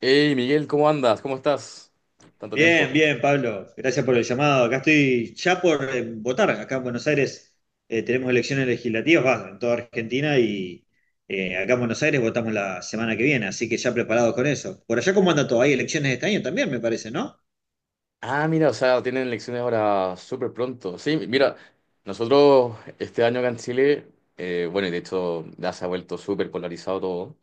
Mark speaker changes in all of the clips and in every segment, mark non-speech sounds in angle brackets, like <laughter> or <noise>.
Speaker 1: Hey Miguel, ¿cómo andas? ¿Cómo estás? Tanto
Speaker 2: Bien,
Speaker 1: tiempo.
Speaker 2: bien, Pablo. Gracias por el llamado. Acá estoy ya por votar. Acá en Buenos Aires tenemos elecciones legislativas, va, en toda Argentina y acá en Buenos Aires votamos la semana que viene, así que ya preparados con eso. Por allá, ¿cómo anda todo? Hay elecciones este año también, me parece, ¿no?
Speaker 1: Ah, mira, o sea, tienen elecciones ahora súper pronto. Sí, mira, nosotros este año acá en Chile, bueno, y de hecho ya se ha vuelto súper polarizado todo.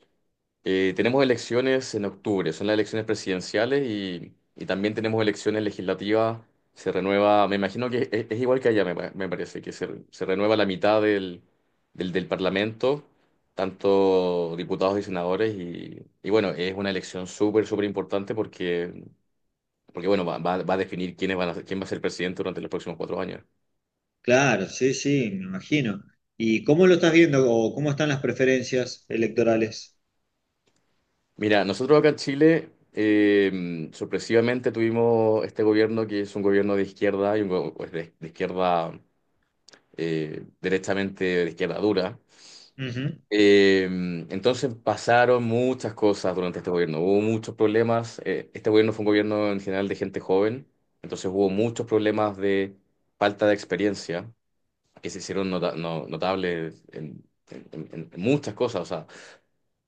Speaker 1: Tenemos elecciones en octubre, son las elecciones presidenciales y también tenemos elecciones legislativas. Se renueva, me imagino que es igual que allá, me parece, que se renueva la mitad del Parlamento, tanto diputados y senadores. Y bueno, es una elección súper, súper importante porque, porque bueno, va a definir quiénes van a, quién va a ser presidente durante los próximos cuatro años.
Speaker 2: Claro, sí, sí, me imagino. ¿Y cómo lo estás viendo o cómo están las preferencias electorales?
Speaker 1: Mira, nosotros acá en Chile, sorpresivamente tuvimos este gobierno que es un gobierno de izquierda y un pues de izquierda, derechamente de izquierda dura.
Speaker 2: Ujú.
Speaker 1: Eh, entonces pasaron muchas cosas durante este gobierno. Hubo muchos problemas. Este gobierno fue un gobierno en general de gente joven, entonces hubo muchos problemas de falta de experiencia que se hicieron notables en, en muchas cosas,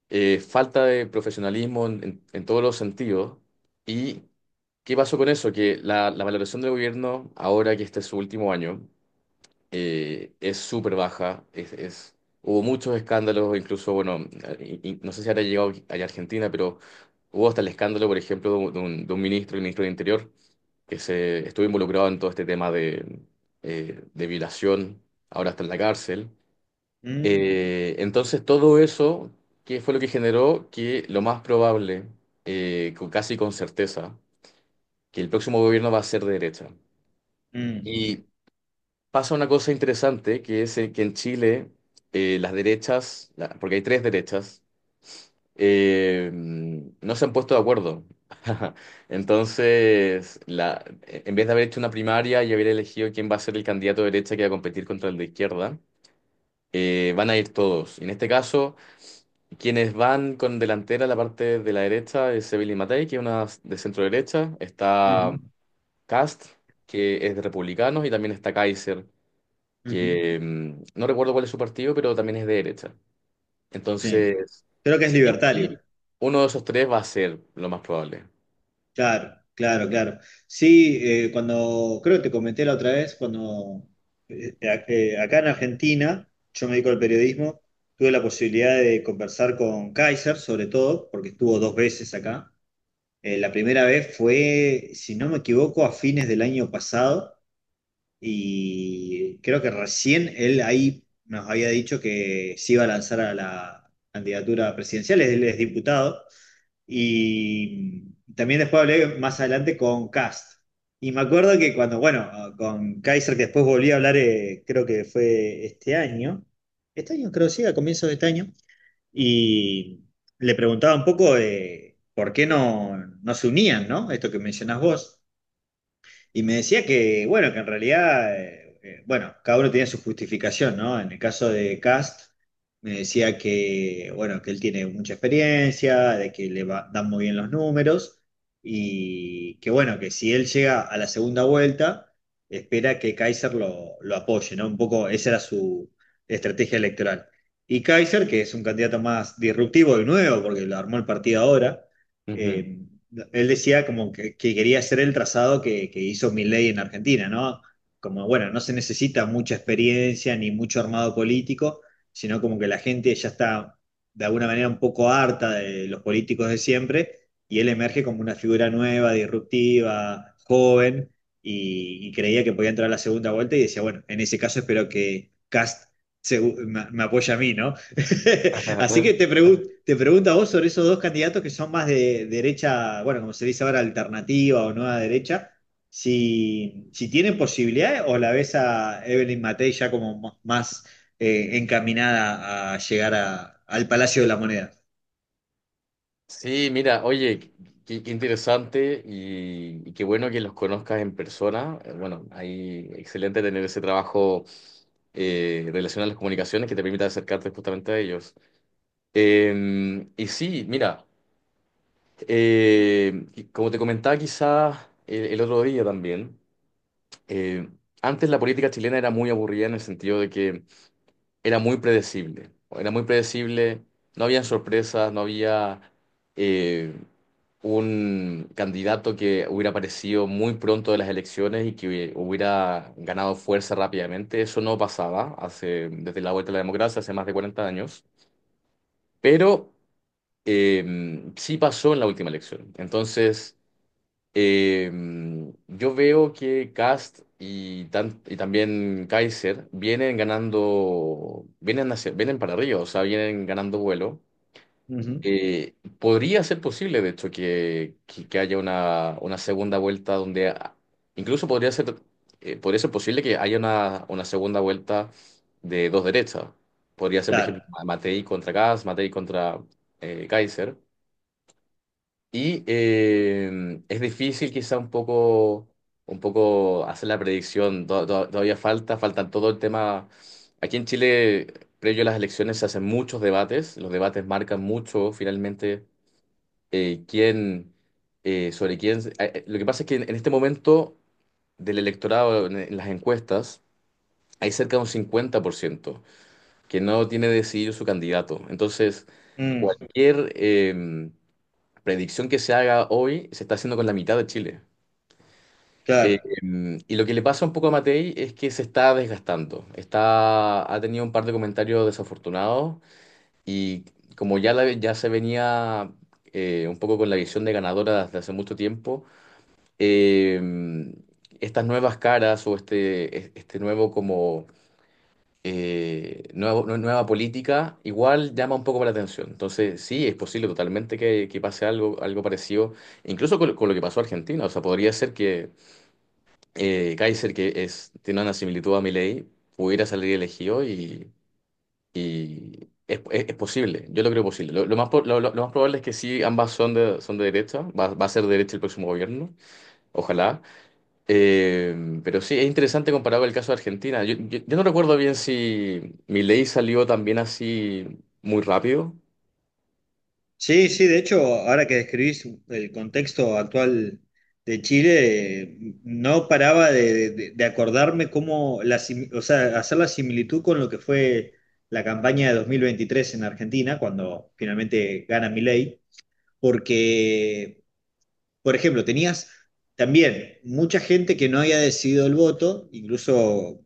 Speaker 1: falta de profesionalismo en, en todos los sentidos. ¿Y qué pasó con eso? Que la valoración del gobierno, ahora que este es su último año, es súper baja. Hubo muchos escándalos, incluso, bueno, y no sé si habrá llegado allá a Argentina, pero hubo hasta el escándalo, por ejemplo, de un, de un ministro, el ministro del Interior, que se estuvo involucrado en todo este tema de violación. Ahora está en la cárcel.
Speaker 2: Mm.
Speaker 1: Entonces todo eso, ¿qué fue lo que generó? Que lo más probable, casi con certeza, que el próximo gobierno va a ser de derecha.
Speaker 2: Mm.
Speaker 1: Y pasa una cosa interesante, que es que en Chile, las derechas, porque hay tres derechas, no se han puesto de acuerdo. <laughs> Entonces, la, en vez de haber hecho una primaria y haber elegido quién va a ser el candidato de derecha que va a competir contra el de izquierda, van a ir todos. Y en este caso... Quienes van con delantera, la parte de la derecha es Sevilla y Matei, que es una de centro derecha.
Speaker 2: Ujú.
Speaker 1: Está Cast, que es de Republicanos, y también está Kaiser,
Speaker 2: Ujú.
Speaker 1: que mm, no recuerdo cuál es su partido, pero también es de derecha.
Speaker 2: Sí.
Speaker 1: Entonces,
Speaker 2: Creo que es
Speaker 1: sí, o
Speaker 2: libertario.
Speaker 1: sí, uno de esos tres va a ser lo más probable.
Speaker 2: Claro, claro, claro. Sí, cuando, creo que te comenté la otra vez, cuando acá en Argentina, yo me dedico al periodismo, tuve la posibilidad de conversar con Kaiser, sobre todo, porque estuvo dos veces acá. La primera vez fue, si no me equivoco, a fines del año pasado, y creo que recién él ahí nos había dicho que se iba a lanzar a la candidatura presidencial, él es diputado. Y también después hablé más adelante con Cast. Y me acuerdo que cuando, bueno, con Kaiser, que después volví a hablar, creo que fue este año creo sí, a comienzos de este año, y le preguntaba un poco de por qué no, no se unían, ¿no? Esto que mencionás vos. Y me decía que, bueno, que en realidad, bueno, cada uno tenía su justificación, ¿no? En el caso de Cast, me decía que, bueno, que él tiene mucha experiencia, de que dan muy bien los números y que, bueno, que si él llega a la segunda vuelta, espera que Kaiser lo apoye, ¿no? Un poco esa era su estrategia electoral. Y Kaiser, que es un candidato más disruptivo y nuevo, porque lo armó el partido ahora,
Speaker 1: Ujú.
Speaker 2: eh, él decía como que quería hacer el trazado que hizo Milei en Argentina, ¿no? Como, bueno, no se necesita mucha experiencia ni mucho armado político, sino como que la gente ya está de alguna manera un poco harta de los políticos de siempre, y él emerge como una figura nueva, disruptiva, joven, y creía que podía entrar a la segunda vuelta y decía, bueno, en ese caso espero que Cast me apoya a mí, ¿no? <laughs> Así que
Speaker 1: <laughs>
Speaker 2: te pregunto a vos sobre esos dos candidatos que son más de derecha, bueno, como se dice ahora, alternativa o nueva derecha, si tienen posibilidades o la ves a Evelyn Matei ya como más encaminada a llegar al Palacio de la Moneda.
Speaker 1: Sí, mira, oye, qué, qué interesante y qué bueno que los conozcas en persona. Bueno, ahí excelente tener ese trabajo, relación a las comunicaciones que te permita acercarte justamente a ellos. Mira, y como te comentaba quizá el otro día también, eh, antes la política chilena era muy aburrida en el sentido de que era muy predecible, no había sorpresas, no había... eh, un candidato que hubiera aparecido muy pronto de las elecciones y que hubiera ganado fuerza rápidamente. Eso no pasaba hace, desde la vuelta a la democracia, hace más de 40 años, pero eh, sí pasó en la última elección. Entonces, eh, yo veo que Kast y también Kaiser vienen ganando, vienen, vienen para arriba, o sea, vienen ganando vuelo.
Speaker 2: Ujú.
Speaker 1: Podría ser posible, de hecho, que haya una segunda vuelta donde incluso podría ser posible que haya una segunda vuelta de dos derechas. Podría ser, por
Speaker 2: Claro.
Speaker 1: ejemplo, Matei contra Kass, Matei contra, Kaiser. Y es difícil quizá un poco hacer la predicción. Todavía falta, faltan todo el tema. Aquí en Chile, previo a las elecciones, se hacen muchos debates. Los debates marcan mucho finalmente quién, sobre quién. Lo que pasa es que en este momento del electorado, en las encuestas, hay cerca de un 50% que no tiene decidido su candidato. Entonces,
Speaker 2: Mm.
Speaker 1: cualquier predicción que se haga hoy se está haciendo con la mitad de Chile.
Speaker 2: Claro.
Speaker 1: Y lo que le pasa un poco a Matei es que se está desgastando. Está, ha tenido un par de comentarios desafortunados y como ya, ya se venía un poco con la visión de ganadora desde hace mucho tiempo, em, estas nuevas caras o este, este nuevo como, nueva política igual llama un poco la atención. Entonces, sí, es posible totalmente que pase algo, algo parecido, incluso con lo que pasó a Argentina. O sea, podría ser que Kaiser, que es, tiene una similitud a Milei, pudiera salir elegido y, es posible. Yo lo creo posible. Lo más, po- lo- Lo más probable es que sí, ambas son de derecha. Va a ser de derecha el próximo gobierno. Ojalá. Pero sí, es interesante comparado el caso de Argentina. Yo no recuerdo bien si ley salió también así muy rápido.
Speaker 2: Sí, sí, de hecho, ahora que describís el contexto actual de Chile, no paraba de acordarme cómo, o sea, hacer la similitud con lo que fue la campaña de 2023 en Argentina, cuando finalmente gana Milei, porque por ejemplo, tenías también mucha gente que no había decidido el voto, incluso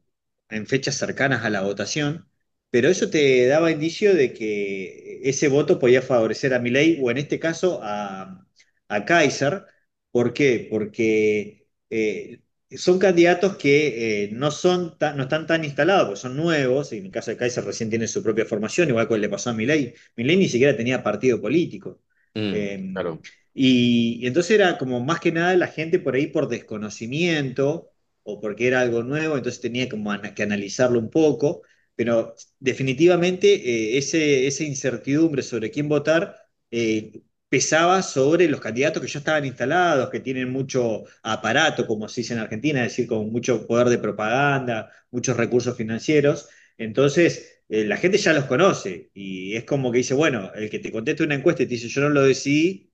Speaker 2: en fechas cercanas a la votación, pero eso te daba indicio de que ese voto podía favorecer a Milei o en este caso a Kaiser. ¿Por qué? Porque son candidatos que no están tan instalados, porque son nuevos, y en el caso de Kaiser recién tiene su propia formación, igual que le pasó a Milei. Milei ni siquiera tenía partido político.
Speaker 1: Mm,
Speaker 2: Eh,
Speaker 1: claro.
Speaker 2: y entonces era como más que nada la gente por ahí por desconocimiento o porque era algo nuevo, entonces tenía como que analizarlo un poco, pero definitivamente esa incertidumbre sobre quién votar eh, pesaba sobre los candidatos que ya estaban instalados, que tienen mucho aparato, como se dice en Argentina, es decir, con mucho poder de propaganda, muchos recursos financieros. Entonces, la gente ya los conoce y es como que dice, bueno, el que te conteste una encuesta y te dice, yo no lo decidí,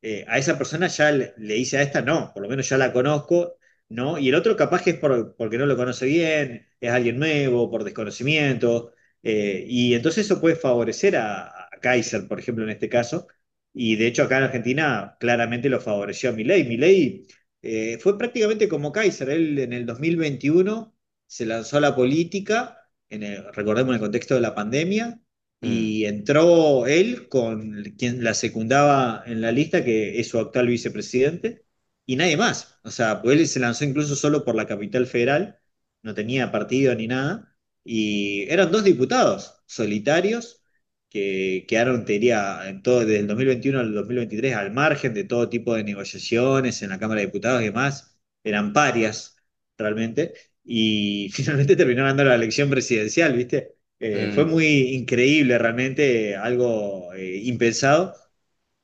Speaker 2: a esa persona ya le hice a esta no, por lo menos ya la conozco, ¿no? Y el otro capaz que es porque no lo conoce bien, es alguien nuevo, por desconocimiento, y entonces eso puede favorecer a, Kaiser, por ejemplo, en este caso, y de hecho acá en Argentina claramente lo favoreció a Milei. Milei fue prácticamente como Kaiser, él en el 2021 se lanzó a la política, recordemos en el contexto de la pandemia,
Speaker 1: Mm,
Speaker 2: y entró él con quien la secundaba en la lista, que es su actual vicepresidente, y nadie más. O sea, pues él se lanzó incluso solo por la capital federal, no tenía partido ni nada, y eran dos diputados solitarios que quedaron, te diría, en todo, desde el 2021 al 2023 al margen de todo tipo de negociaciones en la Cámara de Diputados y demás, eran parias realmente. Y <laughs> finalmente terminaron dando la elección presidencial, ¿viste? Fue
Speaker 1: mm,
Speaker 2: muy increíble realmente, algo impensado.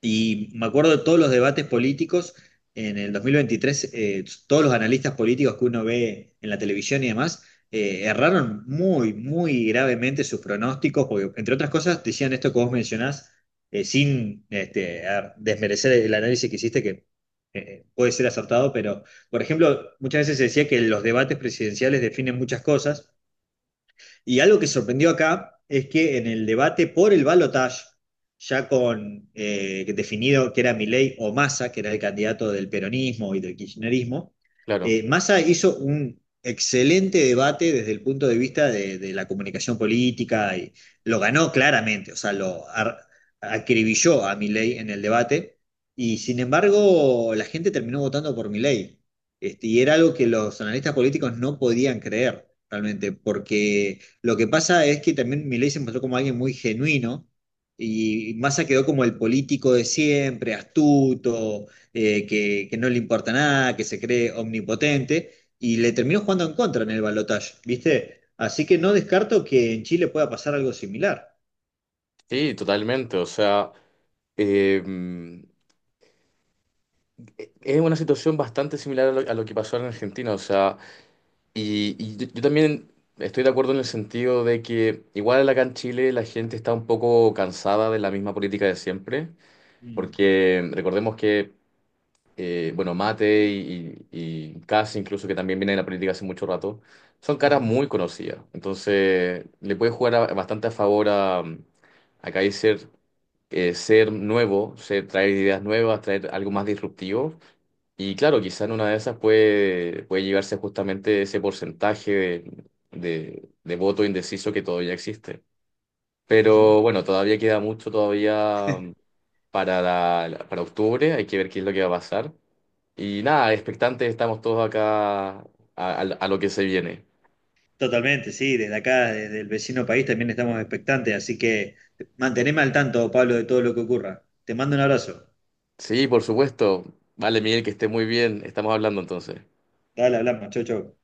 Speaker 2: Y me acuerdo de todos los debates políticos en el 2023, todos los analistas políticos que uno ve en la televisión y demás, erraron muy, muy gravemente sus pronósticos, porque entre otras cosas decían esto que vos mencionás, sin desmerecer el análisis que hiciste, que puede ser acertado, pero por ejemplo, muchas veces se decía que los debates presidenciales definen muchas cosas. Y algo que sorprendió acá es que en el debate por el balotaje, ya con definido que era Milei o Massa, que era el candidato del peronismo y del kirchnerismo,
Speaker 1: claro.
Speaker 2: Massa hizo un excelente debate desde el punto de vista de la comunicación política y lo ganó claramente, o sea, lo acribilló a Milei en el debate y sin embargo la gente terminó votando por Milei. Y era algo que los analistas políticos no podían creer realmente, porque lo que pasa es que también Milei se mostró como alguien muy genuino y Massa quedó como el político de siempre, astuto, que no le importa nada, que se cree omnipotente y le terminó jugando en contra en el balotaje, ¿viste? Así que no descarto que en Chile pueda pasar algo similar.
Speaker 1: Sí, totalmente. O sea, eh, es una situación bastante similar a lo que pasó en Argentina. O sea, yo también estoy de acuerdo en el sentido de que igual acá en Chile la gente está un poco cansada de la misma política de siempre.
Speaker 2: Mm.
Speaker 1: Porque recordemos que bueno, Mate y Cass, incluso que también viene en la política hace mucho rato, son caras
Speaker 2: Ujú.
Speaker 1: muy conocidas. Entonces, le puede jugar bastante a favor a Kaiser, ser nuevo, ser, traer ideas nuevas, traer algo más disruptivo. Y claro, quizá en una de esas puede, puede llevarse justamente ese porcentaje de voto indeciso que todavía existe.
Speaker 2: Ujú.
Speaker 1: Pero bueno, todavía queda mucho todavía para, para octubre, hay que ver qué es lo que va a pasar. Y nada, expectantes estamos todos acá a, a lo que se viene.
Speaker 2: Totalmente, sí, desde acá, desde el vecino país también estamos expectantes, así que manteneme al tanto, Pablo, de todo lo que ocurra. Te mando un abrazo.
Speaker 1: Sí, por supuesto. Vale, Miguel, que esté muy bien. Estamos hablando entonces.
Speaker 2: Dale, hablamos, chau, chau.